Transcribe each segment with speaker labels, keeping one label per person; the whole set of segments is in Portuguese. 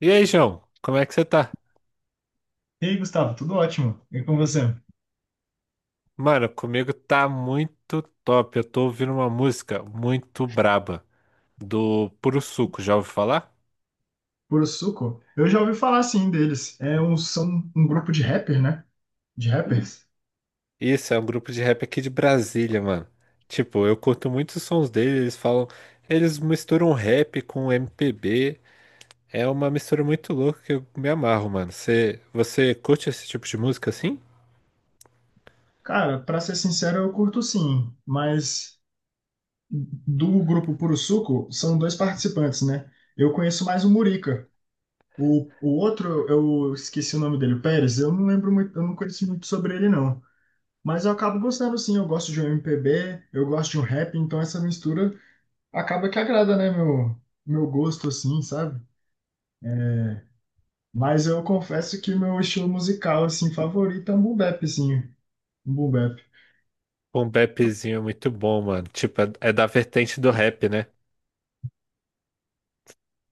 Speaker 1: E aí, João, como é que você tá?
Speaker 2: E aí, Gustavo, tudo ótimo? E com você?
Speaker 1: Mano, comigo tá muito top. Eu tô ouvindo uma música muito braba do Puro Suco, já ouviu falar?
Speaker 2: Puro Suco? Eu já ouvi falar sim deles. São um grupo de rapper, né? De rappers.
Speaker 1: Isso, é um grupo de rap aqui de Brasília, mano. Tipo, eu curto muito os sons deles, eles falam, eles misturam rap com MPB. É uma mistura muito louca que eu me amarro, mano. Você curte esse tipo de música assim?
Speaker 2: Cara, pra ser sincero, eu curto sim, mas do grupo Puro Suco são dois participantes, né? Eu conheço mais o Murica. O outro, eu esqueci o nome dele, o Pérez, eu não lembro muito, eu não conheço muito sobre ele, não. Mas eu acabo gostando sim, eu gosto de um MPB, eu gosto de um rap, então essa mistura acaba que agrada, né, meu gosto, assim, sabe? Mas eu confesso que o meu estilo musical, assim, favorito é um boom bap, assim. Um boom bap.
Speaker 1: Um bapzinho é muito bom, mano. Tipo, é da vertente do rap, né?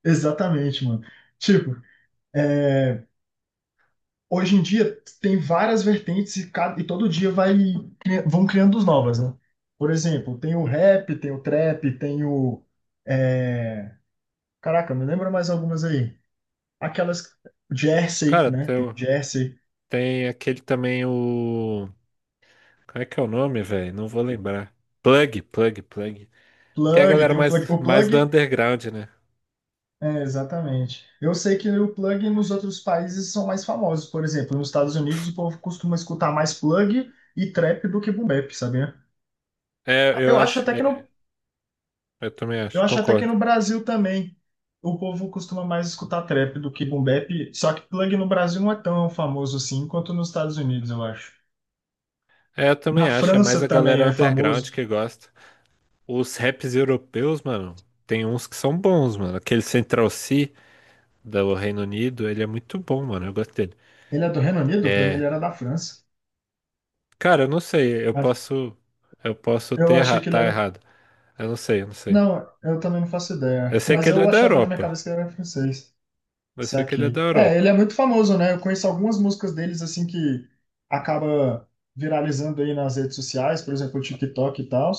Speaker 2: Exatamente, mano. Tipo, é, hoje em dia tem várias vertentes e, todo dia vai, vão criando as novas, né? Por exemplo, tem o rap, tem o trap, tem o... é, Caraca, me lembra mais algumas aí. Aquelas... Jersey,
Speaker 1: Cara,
Speaker 2: né?
Speaker 1: tem,
Speaker 2: Tem o Jersey.
Speaker 1: tem aquele também o... Como é que é o nome, velho? Não vou lembrar. Plug. Que é a
Speaker 2: Plug,
Speaker 1: galera
Speaker 2: tem o plug.
Speaker 1: mais,
Speaker 2: O
Speaker 1: mais do
Speaker 2: plug.
Speaker 1: underground, né?
Speaker 2: É, exatamente. Eu sei que o plug nos outros países são mais famosos. Por exemplo, nos Estados Unidos o povo costuma escutar mais plug e trap do que boom bap, sabia?
Speaker 1: É, eu
Speaker 2: Eu acho
Speaker 1: acho.
Speaker 2: até que no,
Speaker 1: Eu também
Speaker 2: eu
Speaker 1: acho,
Speaker 2: acho até que no
Speaker 1: concordo.
Speaker 2: Brasil também o povo costuma mais escutar trap do que boom bap, só que plug no Brasil não é tão famoso assim quanto nos Estados Unidos, eu acho.
Speaker 1: É, eu também
Speaker 2: Na
Speaker 1: acho. É
Speaker 2: França
Speaker 1: mais a
Speaker 2: também
Speaker 1: galera
Speaker 2: é
Speaker 1: underground
Speaker 2: famoso.
Speaker 1: que gosta. Os raps europeus, mano, tem uns que são bons, mano. Aquele Central C do Reino Unido, ele é muito bom, mano. Eu gosto dele.
Speaker 2: Ele é do Reino Unido? Pra mim ele
Speaker 1: É.
Speaker 2: era da França.
Speaker 1: Cara, eu não sei. Eu
Speaker 2: Mas
Speaker 1: posso. Eu posso
Speaker 2: Eu achei que ele
Speaker 1: tá
Speaker 2: era.
Speaker 1: errado. Eu não sei.
Speaker 2: Não, eu também não faço
Speaker 1: Eu
Speaker 2: ideia.
Speaker 1: sei
Speaker 2: Mas
Speaker 1: que ele
Speaker 2: eu
Speaker 1: é da
Speaker 2: achava na minha
Speaker 1: Europa.
Speaker 2: cabeça que ele era francês.
Speaker 1: Eu sei que ele é da
Speaker 2: Saquei. É, ele
Speaker 1: Europa.
Speaker 2: é muito famoso, né? Eu conheço algumas músicas deles, assim, que acaba viralizando aí nas redes sociais, por exemplo, o TikTok e tal,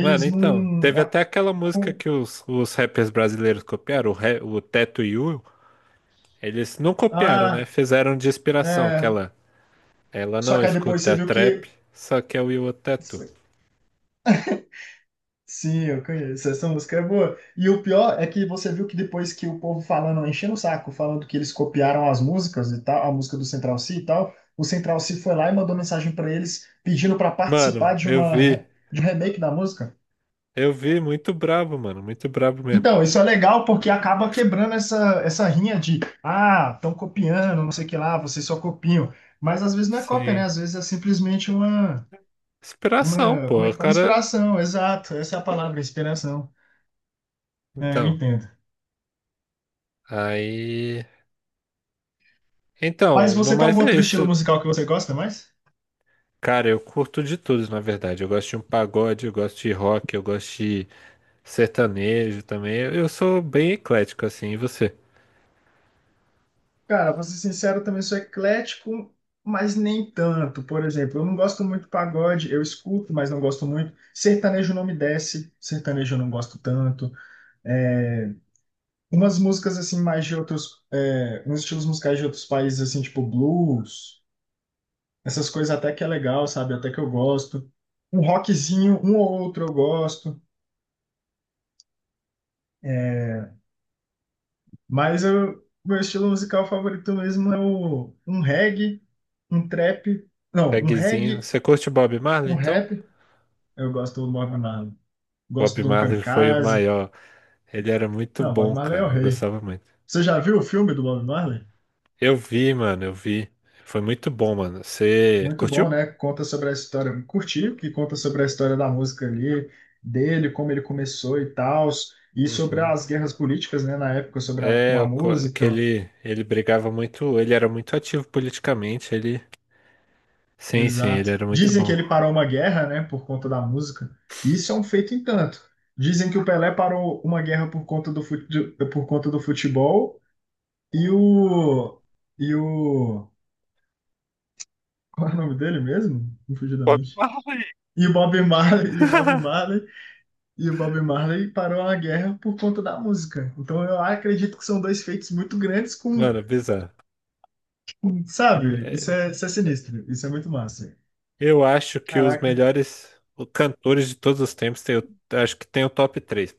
Speaker 1: Mano, então,
Speaker 2: não...
Speaker 1: teve até aquela música
Speaker 2: Com-
Speaker 1: que os rappers brasileiros copiaram, o, o Teto e o, eles não copiaram, né?
Speaker 2: ah,
Speaker 1: Fizeram de inspiração
Speaker 2: é...
Speaker 1: aquela. Ela
Speaker 2: Só
Speaker 1: não
Speaker 2: que aí depois você
Speaker 1: escuta
Speaker 2: viu
Speaker 1: trap,
Speaker 2: que...
Speaker 1: só que é o Will o Teto.
Speaker 2: Sim, eu conheço, essa música é boa. E o pior é que você viu que depois que o povo falando, enchendo o saco, falando que eles copiaram as músicas e tal, a música do Central C e tal, o Central C foi lá e mandou mensagem pra eles pedindo pra participar
Speaker 1: Mano,
Speaker 2: de
Speaker 1: eu
Speaker 2: uma...
Speaker 1: vi,
Speaker 2: De um remake da música.
Speaker 1: eu vi, muito brabo, mano, muito brabo mesmo.
Speaker 2: Então, isso é legal porque acaba quebrando essa rinha de, ah, estão copiando, não sei o que lá, vocês só copiam. Mas às vezes não é cópia, né?
Speaker 1: Sim,
Speaker 2: Às vezes é simplesmente
Speaker 1: inspiração,
Speaker 2: como
Speaker 1: pô,
Speaker 2: é que
Speaker 1: o
Speaker 2: fala?
Speaker 1: cara.
Speaker 2: Inspiração, exato. Essa é a palavra, inspiração. É, eu
Speaker 1: Então,
Speaker 2: entendo.
Speaker 1: aí.
Speaker 2: Mas
Speaker 1: Então, no
Speaker 2: você tem algum
Speaker 1: mais é
Speaker 2: outro estilo
Speaker 1: isso.
Speaker 2: musical que você gosta mais?
Speaker 1: Cara, eu curto de tudo, na verdade. Eu gosto de um pagode, eu gosto de rock, eu gosto de... sertanejo também. Eu sou bem eclético, assim. E você?
Speaker 2: Cara, pra ser sincero, eu também sou eclético, mas nem tanto. Por exemplo, eu não gosto muito de pagode, eu escuto, mas não gosto muito. Sertanejo não me desce, sertanejo eu não gosto tanto. Umas músicas assim mais de outros, uns estilos musicais de outros países assim, tipo blues, essas coisas até que é legal, sabe? Até que eu gosto. Um rockzinho, um ou outro eu gosto, é, mas eu, meu estilo musical favorito mesmo é o, um reggae, um trap, não, um
Speaker 1: Pegzinho.
Speaker 2: reggae,
Speaker 1: Você curte Bob Marley,
Speaker 2: um
Speaker 1: então?
Speaker 2: rap. Eu gosto do Bob Marley.
Speaker 1: Bob
Speaker 2: Gosto do um
Speaker 1: Marley foi o
Speaker 2: Kamikaze.
Speaker 1: maior. Ele era muito
Speaker 2: Não, Bob
Speaker 1: bom,
Speaker 2: Marley é o
Speaker 1: cara. Eu
Speaker 2: rei.
Speaker 1: gostava muito.
Speaker 2: Você já viu o filme do Bob Marley?
Speaker 1: Eu vi, mano, eu vi. Foi muito bom, mano. Você
Speaker 2: Muito bom,
Speaker 1: curtiu?
Speaker 2: né? Conta sobre a história. Curti, que conta sobre a história da música ali, dele, como ele começou e tal, e sobre
Speaker 1: Uhum.
Speaker 2: as guerras políticas, né, na época, sobre a, com
Speaker 1: É,
Speaker 2: a
Speaker 1: eu que
Speaker 2: música.
Speaker 1: ele brigava muito. Ele era muito ativo politicamente. Ele. Sim, sim,
Speaker 2: Exato.
Speaker 1: ele era muito
Speaker 2: Dizem que
Speaker 1: bom.
Speaker 2: ele parou uma guerra, né, por conta da música. Isso é um feito em tanto. Dizem que o Pelé parou uma guerra por conta do, por conta do futebol e o. E o. Qual é o nome dele mesmo? Confundidamente. E o Bob Marley, e o Bob Marley parou a guerra por conta da música. Então eu acredito que são dois feitos muito grandes
Speaker 1: Mano, bizarro.
Speaker 2: sabe? Isso
Speaker 1: É,
Speaker 2: é, isso é sinistro, isso é muito massa.
Speaker 1: eu acho que os
Speaker 2: Caraca,
Speaker 1: melhores cantores de todos os tempos tem o, acho que tem o top três.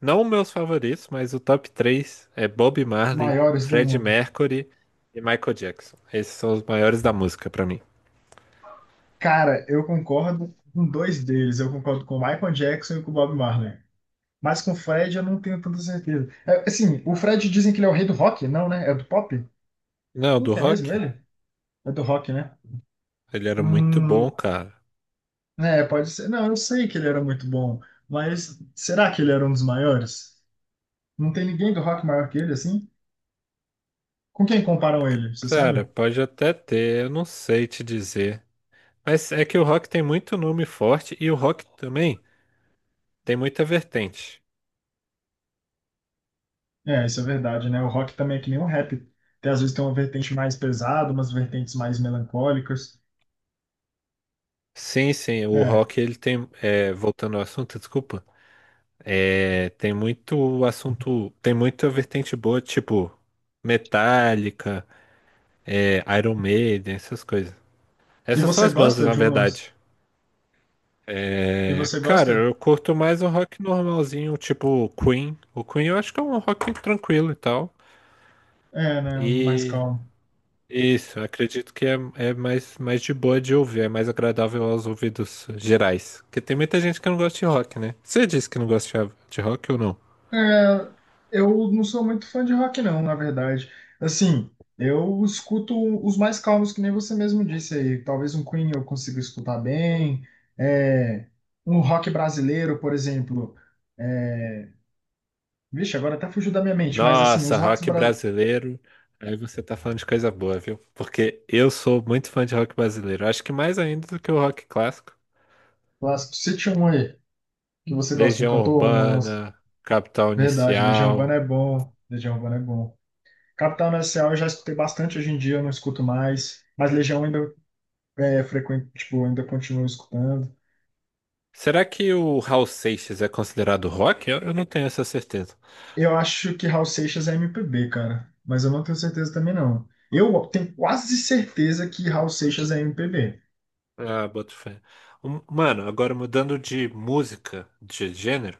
Speaker 1: Não meus favoritos, mas o top 3 é Bob Marley,
Speaker 2: maiores do
Speaker 1: Freddie
Speaker 2: mundo.
Speaker 1: Mercury e Michael Jackson. Esses são os maiores da música pra mim.
Speaker 2: Cara, eu concordo com dois deles. Eu concordo com o Michael Jackson e com o Bob Marley. Mas com o Fred eu não tenho tanta certeza. É, assim, o Fred dizem que ele é o rei do rock, não, né? É do pop?
Speaker 1: Não,
Speaker 2: Não,
Speaker 1: do
Speaker 2: que é mesmo
Speaker 1: rock,
Speaker 2: ele? É do rock, né?
Speaker 1: ele era muito bom,
Speaker 2: Hum,
Speaker 1: cara.
Speaker 2: pode ser. Não, eu sei que ele era muito bom, mas será que ele era um dos maiores? Não tem ninguém do rock maior que ele, assim? Com quem comparam ele, você
Speaker 1: Cara,
Speaker 2: sabe?
Speaker 1: pode até ter, eu não sei te dizer. Mas é que o rock tem muito nome forte e o rock também tem muita vertente.
Speaker 2: É, isso é verdade, né? O rock também é que nem o rap. Tem, às vezes tem uma vertente mais pesada, umas vertentes mais melancólicas.
Speaker 1: Sim, sim, o
Speaker 2: É.
Speaker 1: rock ele tem, é, voltando ao assunto, desculpa, é, tem muito assunto, tem muita vertente boa, tipo Metallica, é, Iron Maiden, essas coisas.
Speaker 2: E
Speaker 1: Essas são
Speaker 2: você
Speaker 1: as bandas,
Speaker 2: gosta
Speaker 1: na
Speaker 2: de umas?
Speaker 1: verdade.
Speaker 2: E
Speaker 1: É,
Speaker 2: você
Speaker 1: cara,
Speaker 2: gosta?
Speaker 1: eu curto mais o rock normalzinho, tipo Queen. O Queen eu acho que é um rock tranquilo e tal.
Speaker 2: É, né? Um mais
Speaker 1: E
Speaker 2: calmo.
Speaker 1: isso, eu acredito que é mais de boa de ouvir, é mais agradável aos ouvidos gerais. Porque tem muita gente que não gosta de rock, né? Você disse que não gosta de rock ou não?
Speaker 2: É, eu não sou muito fã de rock, não, na verdade. Assim, eu escuto os mais calmos, que nem você mesmo disse aí. Talvez um Queen eu consiga escutar bem. É, um rock brasileiro, por exemplo. É, Vixe, agora até fugiu da minha mente, mas assim,
Speaker 1: Nossa, rock brasileiro. Aí você tá falando de coisa boa, viu? Porque eu sou muito fã de rock brasileiro. Acho que mais ainda do que o rock clássico.
Speaker 2: clássicos, cite um aí que você gosta, um
Speaker 1: Legião
Speaker 2: cantor,
Speaker 1: Urbana, Capital
Speaker 2: Verdade, Legião
Speaker 1: Inicial.
Speaker 2: Urbana é bom, Legião Urbana é bom. Capital Inicial eu já escutei bastante hoje em dia, eu não escuto mais, mas Legião ainda é frequente, tipo, ainda continuo escutando.
Speaker 1: Será que o Raul Seixas é considerado rock? Eu não tenho essa certeza.
Speaker 2: Eu acho que Raul Seixas é MPB, cara, mas eu não tenho certeza também não. Eu tenho quase certeza que Raul Seixas é MPB.
Speaker 1: Ah, boto fé. Mano, agora mudando de música, de gênero,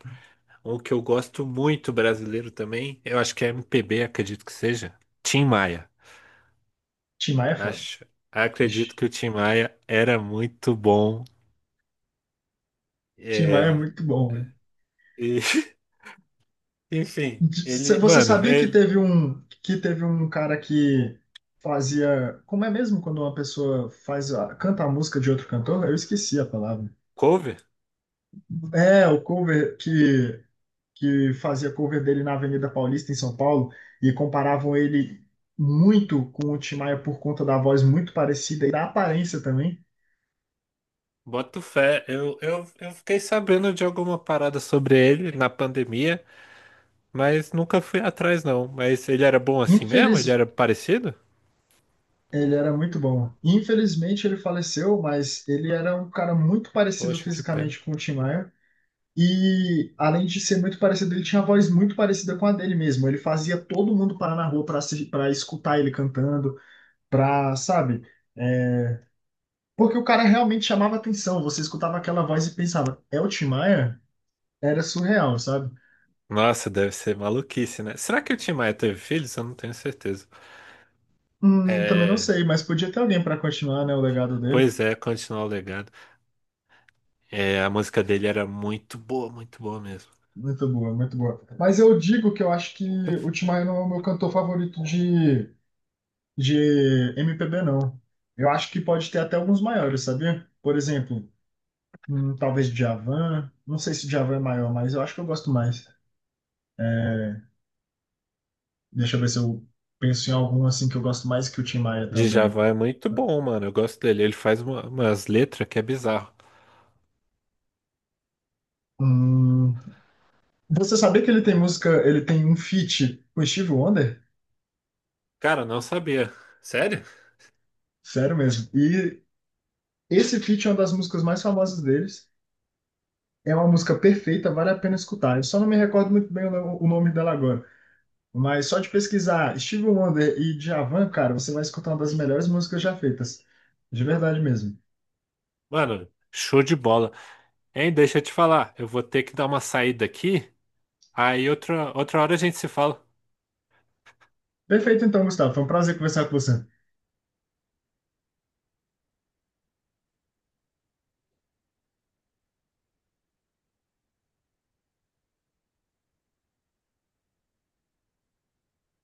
Speaker 1: um que eu gosto muito brasileiro também, eu acho que é MPB, acredito que seja. Tim Maia.
Speaker 2: Tim Maia é foda.
Speaker 1: Acho,
Speaker 2: Ixi,
Speaker 1: acredito que o Tim Maia era muito bom.
Speaker 2: Tim Maia é
Speaker 1: É,
Speaker 2: muito bom.
Speaker 1: e, enfim, ele,
Speaker 2: Você
Speaker 1: mano,
Speaker 2: sabia que
Speaker 1: ele,
Speaker 2: teve um que teve um cara que fazia, como é mesmo quando uma pessoa faz canta a música de outro cantor? Eu esqueci a palavra.
Speaker 1: cover?
Speaker 2: É, o cover que fazia cover dele na Avenida Paulista em São Paulo e comparavam ele muito com o Tim Maia por conta da voz muito parecida e da aparência também.
Speaker 1: Boto fé, eu fiquei sabendo de alguma parada sobre ele na pandemia, mas nunca fui atrás não. Mas ele era bom assim mesmo? Ele
Speaker 2: Infeliz,
Speaker 1: era parecido?
Speaker 2: ele era muito bom. Infelizmente ele faleceu, mas ele era um cara muito parecido
Speaker 1: Poxa, que pena.
Speaker 2: fisicamente com o Tim Maia. E além de ser muito parecido, ele tinha a voz muito parecida com a dele mesmo. Ele fazia todo mundo parar na rua para escutar ele cantando, sabe? É, porque o cara realmente chamava atenção. Você escutava aquela voz e pensava, é o Tim Maia? Era surreal, sabe?
Speaker 1: Nossa, deve ser maluquice, né? Será que o Tim Maia teve filhos? Eu não tenho certeza.
Speaker 2: Também não
Speaker 1: É,
Speaker 2: sei, mas podia ter alguém para continuar, né, o legado dele.
Speaker 1: pois é, continuar o legado. É, a música dele era muito boa mesmo.
Speaker 2: Muito boa, muito boa. Mas eu digo que eu acho que o Tim Maia não é o meu cantor favorito de MPB, não. Eu acho que pode ter até alguns maiores, sabia? Por exemplo, hum, talvez Djavan. Não sei se Djavan é maior, mas eu acho que eu gosto mais. É, Deixa eu ver se eu penso em algum assim que eu gosto mais que o Tim Maia também.
Speaker 1: Djavan é muito bom, mano. Eu gosto dele. Ele faz umas letras que é bizarro.
Speaker 2: Hum, você sabia que ele tem música, ele tem um feat com o Steve Wonder?
Speaker 1: Cara, não sabia. Sério?
Speaker 2: Sério mesmo. E esse feat é uma das músicas mais famosas deles. É uma música perfeita, vale a pena escutar. Eu só não me recordo muito bem o o nome dela agora. Mas só de pesquisar Steve Wonder e Djavan, cara, você vai escutar uma das melhores músicas já feitas. De verdade mesmo.
Speaker 1: Mano, show de bola. Hein, deixa eu te falar, eu vou ter que dar uma saída aqui, aí outra hora a gente se fala.
Speaker 2: Perfeito, então, Gustavo. Foi um prazer conversar com você.